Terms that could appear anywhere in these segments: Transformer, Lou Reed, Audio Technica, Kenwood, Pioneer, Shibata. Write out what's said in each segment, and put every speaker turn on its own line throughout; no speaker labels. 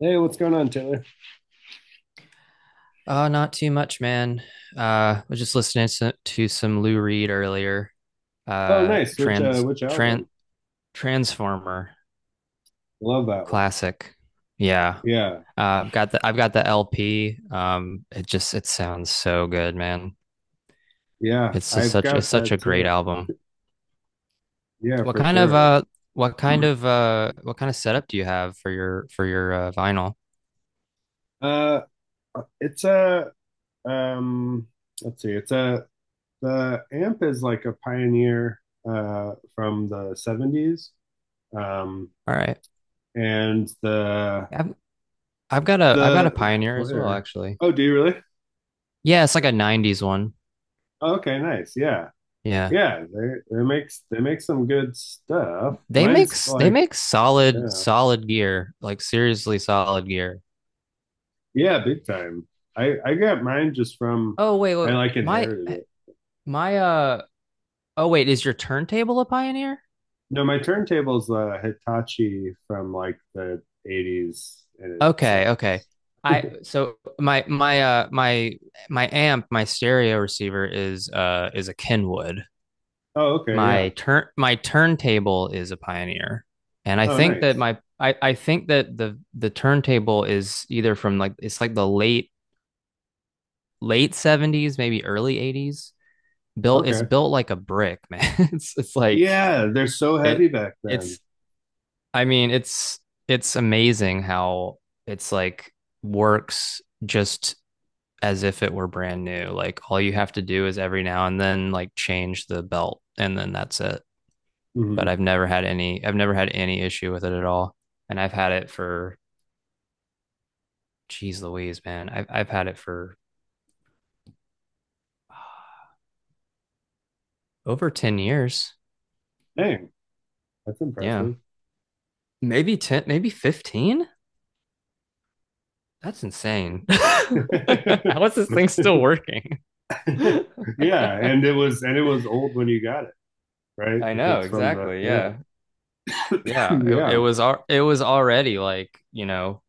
Hey, what's going on, Taylor?
Not too much, man. I was just listening to some Lou Reed earlier.
Oh,
Uh,
nice. Which uh
trans
which
trans
album?
Transformer
Love that one.
classic. Yeah.
Yeah.
I've got the LP. It just it sounds so good, man.
Yeah,
It's just
I've
such it's
got
such a
that
great
too.
album.
Yeah,
What
for
kind of
sure.
what kind of setup do you have for your vinyl?
Uh it's a um let's see. It's a the amp is like a pioneer from the '70s. Um
All right.
and
I've I've got a
the
Pioneer as well,
player.
actually.
Oh, do you really?
Yeah, it's like a 90s one.
Oh, okay, nice. Yeah.
Yeah.
Yeah, they make some good stuff.
They make
Mine's like
solid
yeah.
gear, like seriously solid gear.
Yeah, big time. I got mine just from,
Oh wait,
I
wait,
like
my
inherited it.
my uh oh wait, is your turntable a Pioneer?
No, my turntable's a Hitachi from like the '80s, and it
Okay, okay.
sucks.
I so my my My amp, my stereo receiver is a Kenwood.
Oh, okay, yeah.
My turntable is a Pioneer. And I
Oh,
think that
nice.
my I think that the turntable is either from like it's like the late late 70s, maybe early 80s. Built, it's
Okay.
built like a brick, man. It's like
Yeah, they're so
it
heavy back then.
it's I mean, it's amazing how it's like works just as if it were brand new. Like all you have to do is every now and then like change the belt and then that's it.
Hmm.
But I've never had any issue with it at all. And I've had it for geez Louise, man. I've had it for over 10 years.
Dang, that's
Yeah.
impressive.
Maybe 10, maybe 15. That's insane. How is this thing still working?
Yeah,
I
and it was old when you got it, right? If
know,
it's from the,
exactly.
yeah.
Yeah. Yeah. It
Yeah.
was it was already like, you know,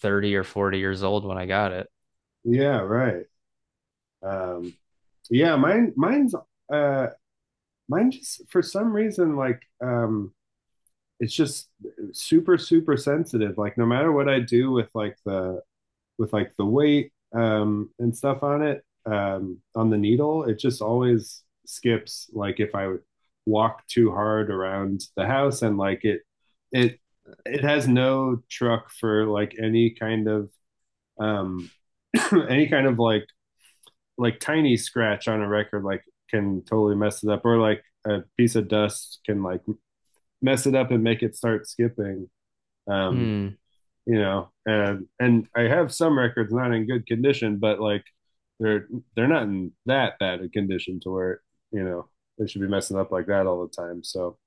30 or 40 years old when I got it.
Yeah, right. Um yeah, mine's uh Mine just, for some reason, like, it's just super, super sensitive. Like, no matter what I do with like the weight, and stuff on it, on the needle, it just always skips. Like, if I walk too hard around the house, and like it, it, it has no truck for like any kind of, um, any kind of like tiny scratch on a record, like can totally mess it up, or like a piece of dust can like mess it up and make it start skipping. Um,
Hmm.
and I have some records not in good condition, but like they're they're not in that bad a condition to where, you know they should be messing up like that all the time. So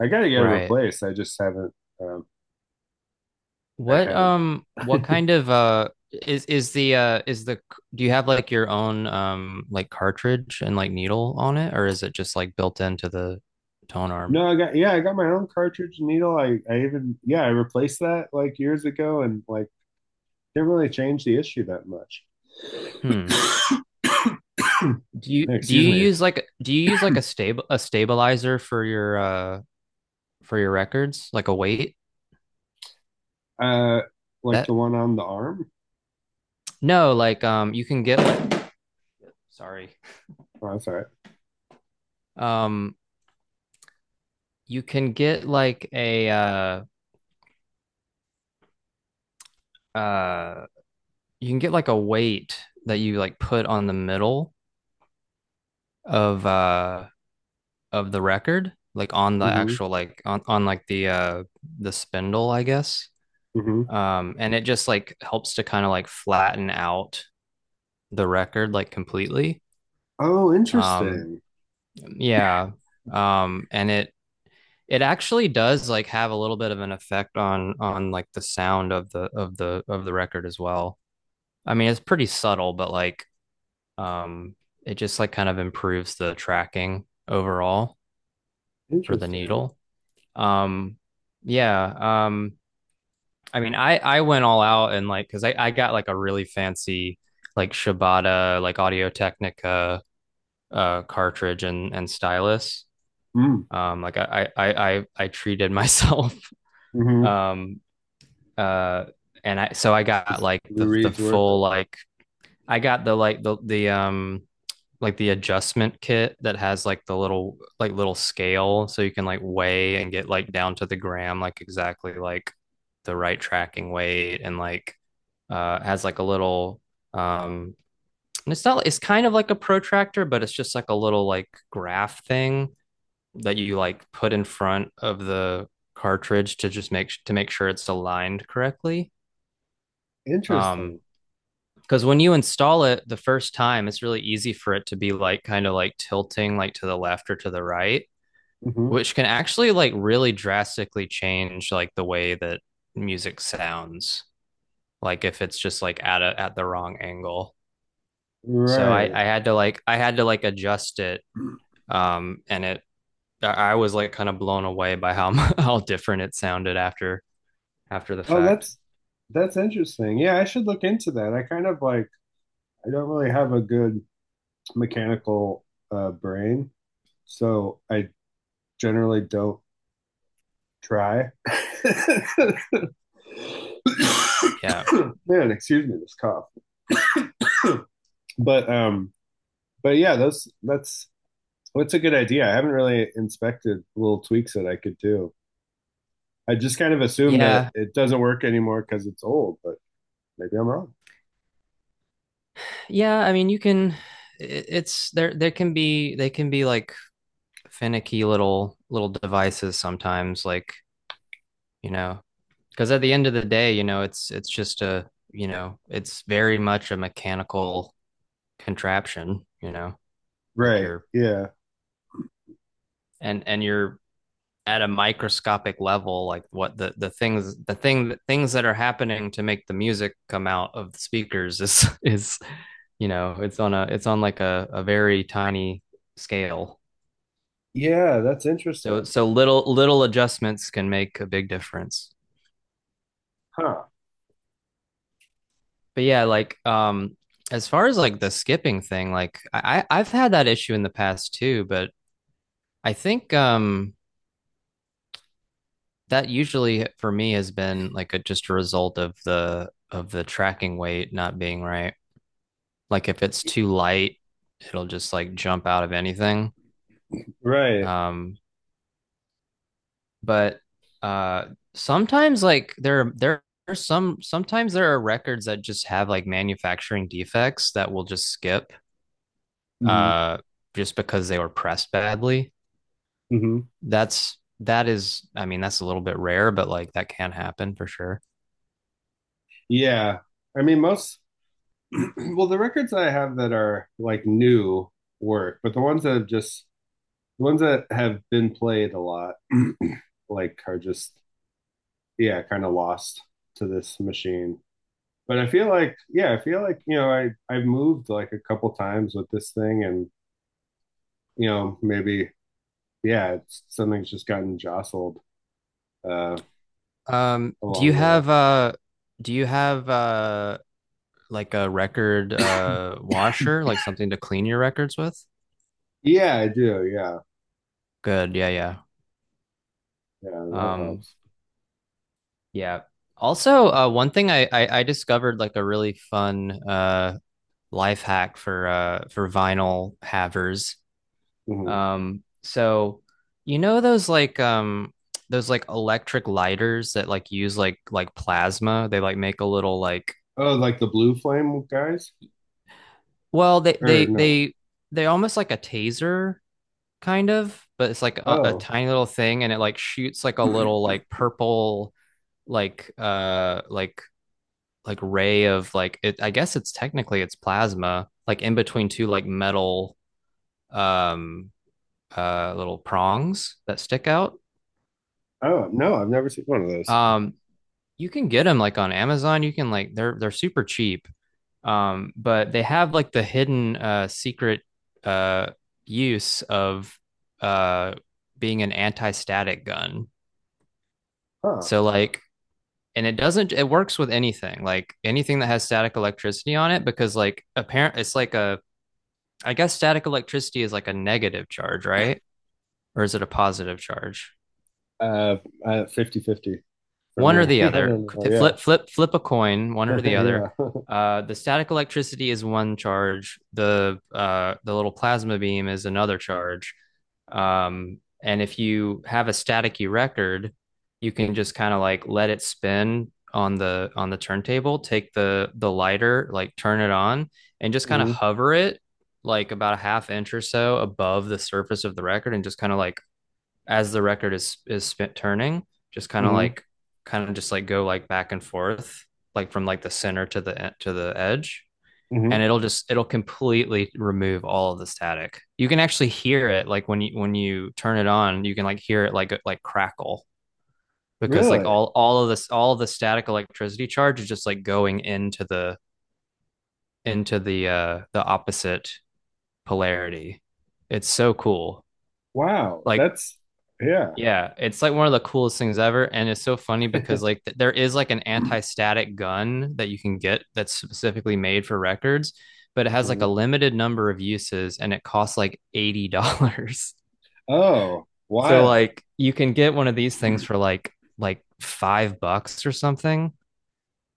I gotta get it
Right.
replaced. I just haven't. Um, I haven't.
What kind of is the do you have like your own like cartridge and like needle on it, or is it just like built into the tone arm?
no, I got, yeah, I got my own cartridge and needle. I even, yeah, I replaced that like years ago, and like didn't really change the issue that much.
Hmm.
Hey,
Do
excuse
you
me.
use like a stable a stabilizer for your records, like a weight
Uh, like the
that
one on the arm.
no like you can get like sorry
Oh, that's all right.
um you can get like a uh you can get like a weight that you like put on the middle of uh of the record, like on the
Mm-hmm.
actual, like on like the spindle, I guess.
Hmm.
And it just like helps to kind of like flatten out the record like completely.
Oh,
Um,
interesting.
yeah. And it It actually does like have a little bit of an effect on like the sound of the of the record as well. I mean, it's pretty subtle, but like um it just like kind of improves the tracking overall for the
Interesting.
needle. Um yeah, um I mean, I went all out and like cuz I got like a really fancy like Shibata, like Audio Technica cartridge and stylus.
Mm.
Like I treated myself.
Hmm.
Um, uh, and I, so I got
It's
like
Lou
the
Reed's worth
full,
it.
like I got the, like the adjustment kit that has like the little, like little scale. So you can like weigh and get like down to the gram, like exactly like the right tracking weight, and like, has like a little, um, and it's not, it's kind of like a protractor, but it's just like a little like graph thing that you like put in front of the cartridge to just make sure it's aligned correctly. Um,
Interesting.
because when you install it the first time, it's really easy for it to be like kind of like tilting like to the left or to the right,
Hmm.
which can actually like really drastically change like the way that music sounds. Like if it's just like at a at the wrong angle. So
Right.
I had to like adjust it. And it I was like kind of blown away by how how different it sounded after the
Oh,
fact.
that's that's interesting. Yeah, I should look into that. I kind of like, I don't really have a good mechanical brain, so I generally don't try.
Yeah.
Man, excuse me, this cough. But um, but yeah, that's what's a good idea? I haven't really inspected little tweaks that I could do. I just kind of assume that
Yeah.
it doesn't work anymore because it's old, but maybe I'm wrong.
Yeah. I mean, you can, there can be, they can be like finicky little, little devices sometimes, like, you know, because at the end of the day, you know, it's just a, you know, it's very much a mechanical contraption, you know, like
Right.
you're,
Yeah.
and you're at a microscopic level, like what the things that are happening to make the music come out of the speakers is, you know, it's on a it's on like a very tiny scale.
Yeah, that's
So
interesting.
so little little adjustments can make a big difference.
Huh.
But yeah, like as far as like the skipping thing, like have had that issue in the past too, but I think that usually for me has been like a just a result of the tracking weight not being right. Like if it's too light, it'll just like jump out of anything.
Right.
Um but uh sometimes like there are some sometimes there are records that just have like manufacturing defects that will just skip
Hmm.
uh just because they were pressed badly.
Hmm.
That is, I mean, that's a little bit rare, but like that can happen for sure.
Yeah. I mean, most, well, the records I have that are like new work, but the ones that have just, the ones that have been played a lot, like are just, yeah, kind of lost to this machine. But I feel like, yeah, I feel like, you know, I I've moved like a couple times with this thing and, you know, maybe, yeah, it's something's just gotten jostled uh
Um do you
along the way.
have uh do you have like a record washer, like something to clean your records with?
Yeah, I do. Yeah.
Good. Yeah, yeah.
Yeah, that
Um
helps.
Yeah. Also, one thing I discovered like a really fun life hack for vinyl havers.
Hmm.
So you know those like electric lighters that like use like plasma. They like make a little like
Oh, like the blue flame guys?
well they
Or
they
no.
they they almost like a taser kind of, but it's like a
Oh.
tiny little thing, and it like shoots like a little like purple like like ray of like it, I guess it's technically it's plasma, like in between two like metal um little prongs that stick out.
Oh, no, I've never seen one of those.
Um, you can get them like on Amazon. You can like they're super cheap. But they have like the hidden secret uh use of uh being an anti-static gun.
Huh.
So like and it doesn't it works with anything, like anything that has static electricity on it because like apparent it's like a I guess static electricity is like a negative charge, right? Or is it a positive charge?
Uh, 50 fifty for
One or
me.
the
I
other.
don't know. Yeah.
Flip, flip, flip a coin, one or the other.
Yeah.
The static electricity is one charge. The little plasma beam is another charge. And if you have a staticky record, you can just kind of like let it spin on the turntable. Take the lighter, like turn it on, and just kind of
hmm.
hover it like about a half inch or so above the surface of the record, and just kind of like as the record is turning, just kind of
Hmm.
like kind of just like go like back and forth, like from like the center to the to the edge,
Hmm.
and it'll just it'll completely remove all of the static. You can actually hear it like when you turn it on, you can like hear it like crackle because like
Really?
all of the static electricity charge is just like going into the the opposite polarity. It's so cool.
Wow.
Like
That's, yeah.
yeah, it's like one of the coolest things ever, and it's so funny because like there is like an anti-static gun that you can get that's specifically made for records, but it has like a
Mhm.
limited number of uses and it costs like $80.
Oh,
So
wild.
like you can get one of these things for like $5 or something,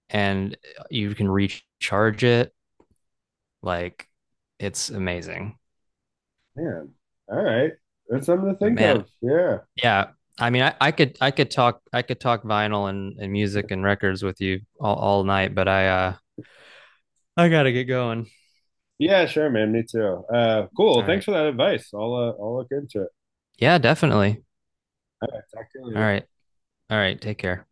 and you can recharge it. Like it's amazing.
Man. All right. That's something to
But
think
man,
of. Yeah.
yeah. I mean, I could talk vinyl and music and records with you all night, but I gotta get going.
Yeah, sure, man. Me too. Cool.
All right.
Thanks for that advice. I'll look into it.
Yeah, definitely.
All right. Talk to you
All
later.
right. All right. Take care.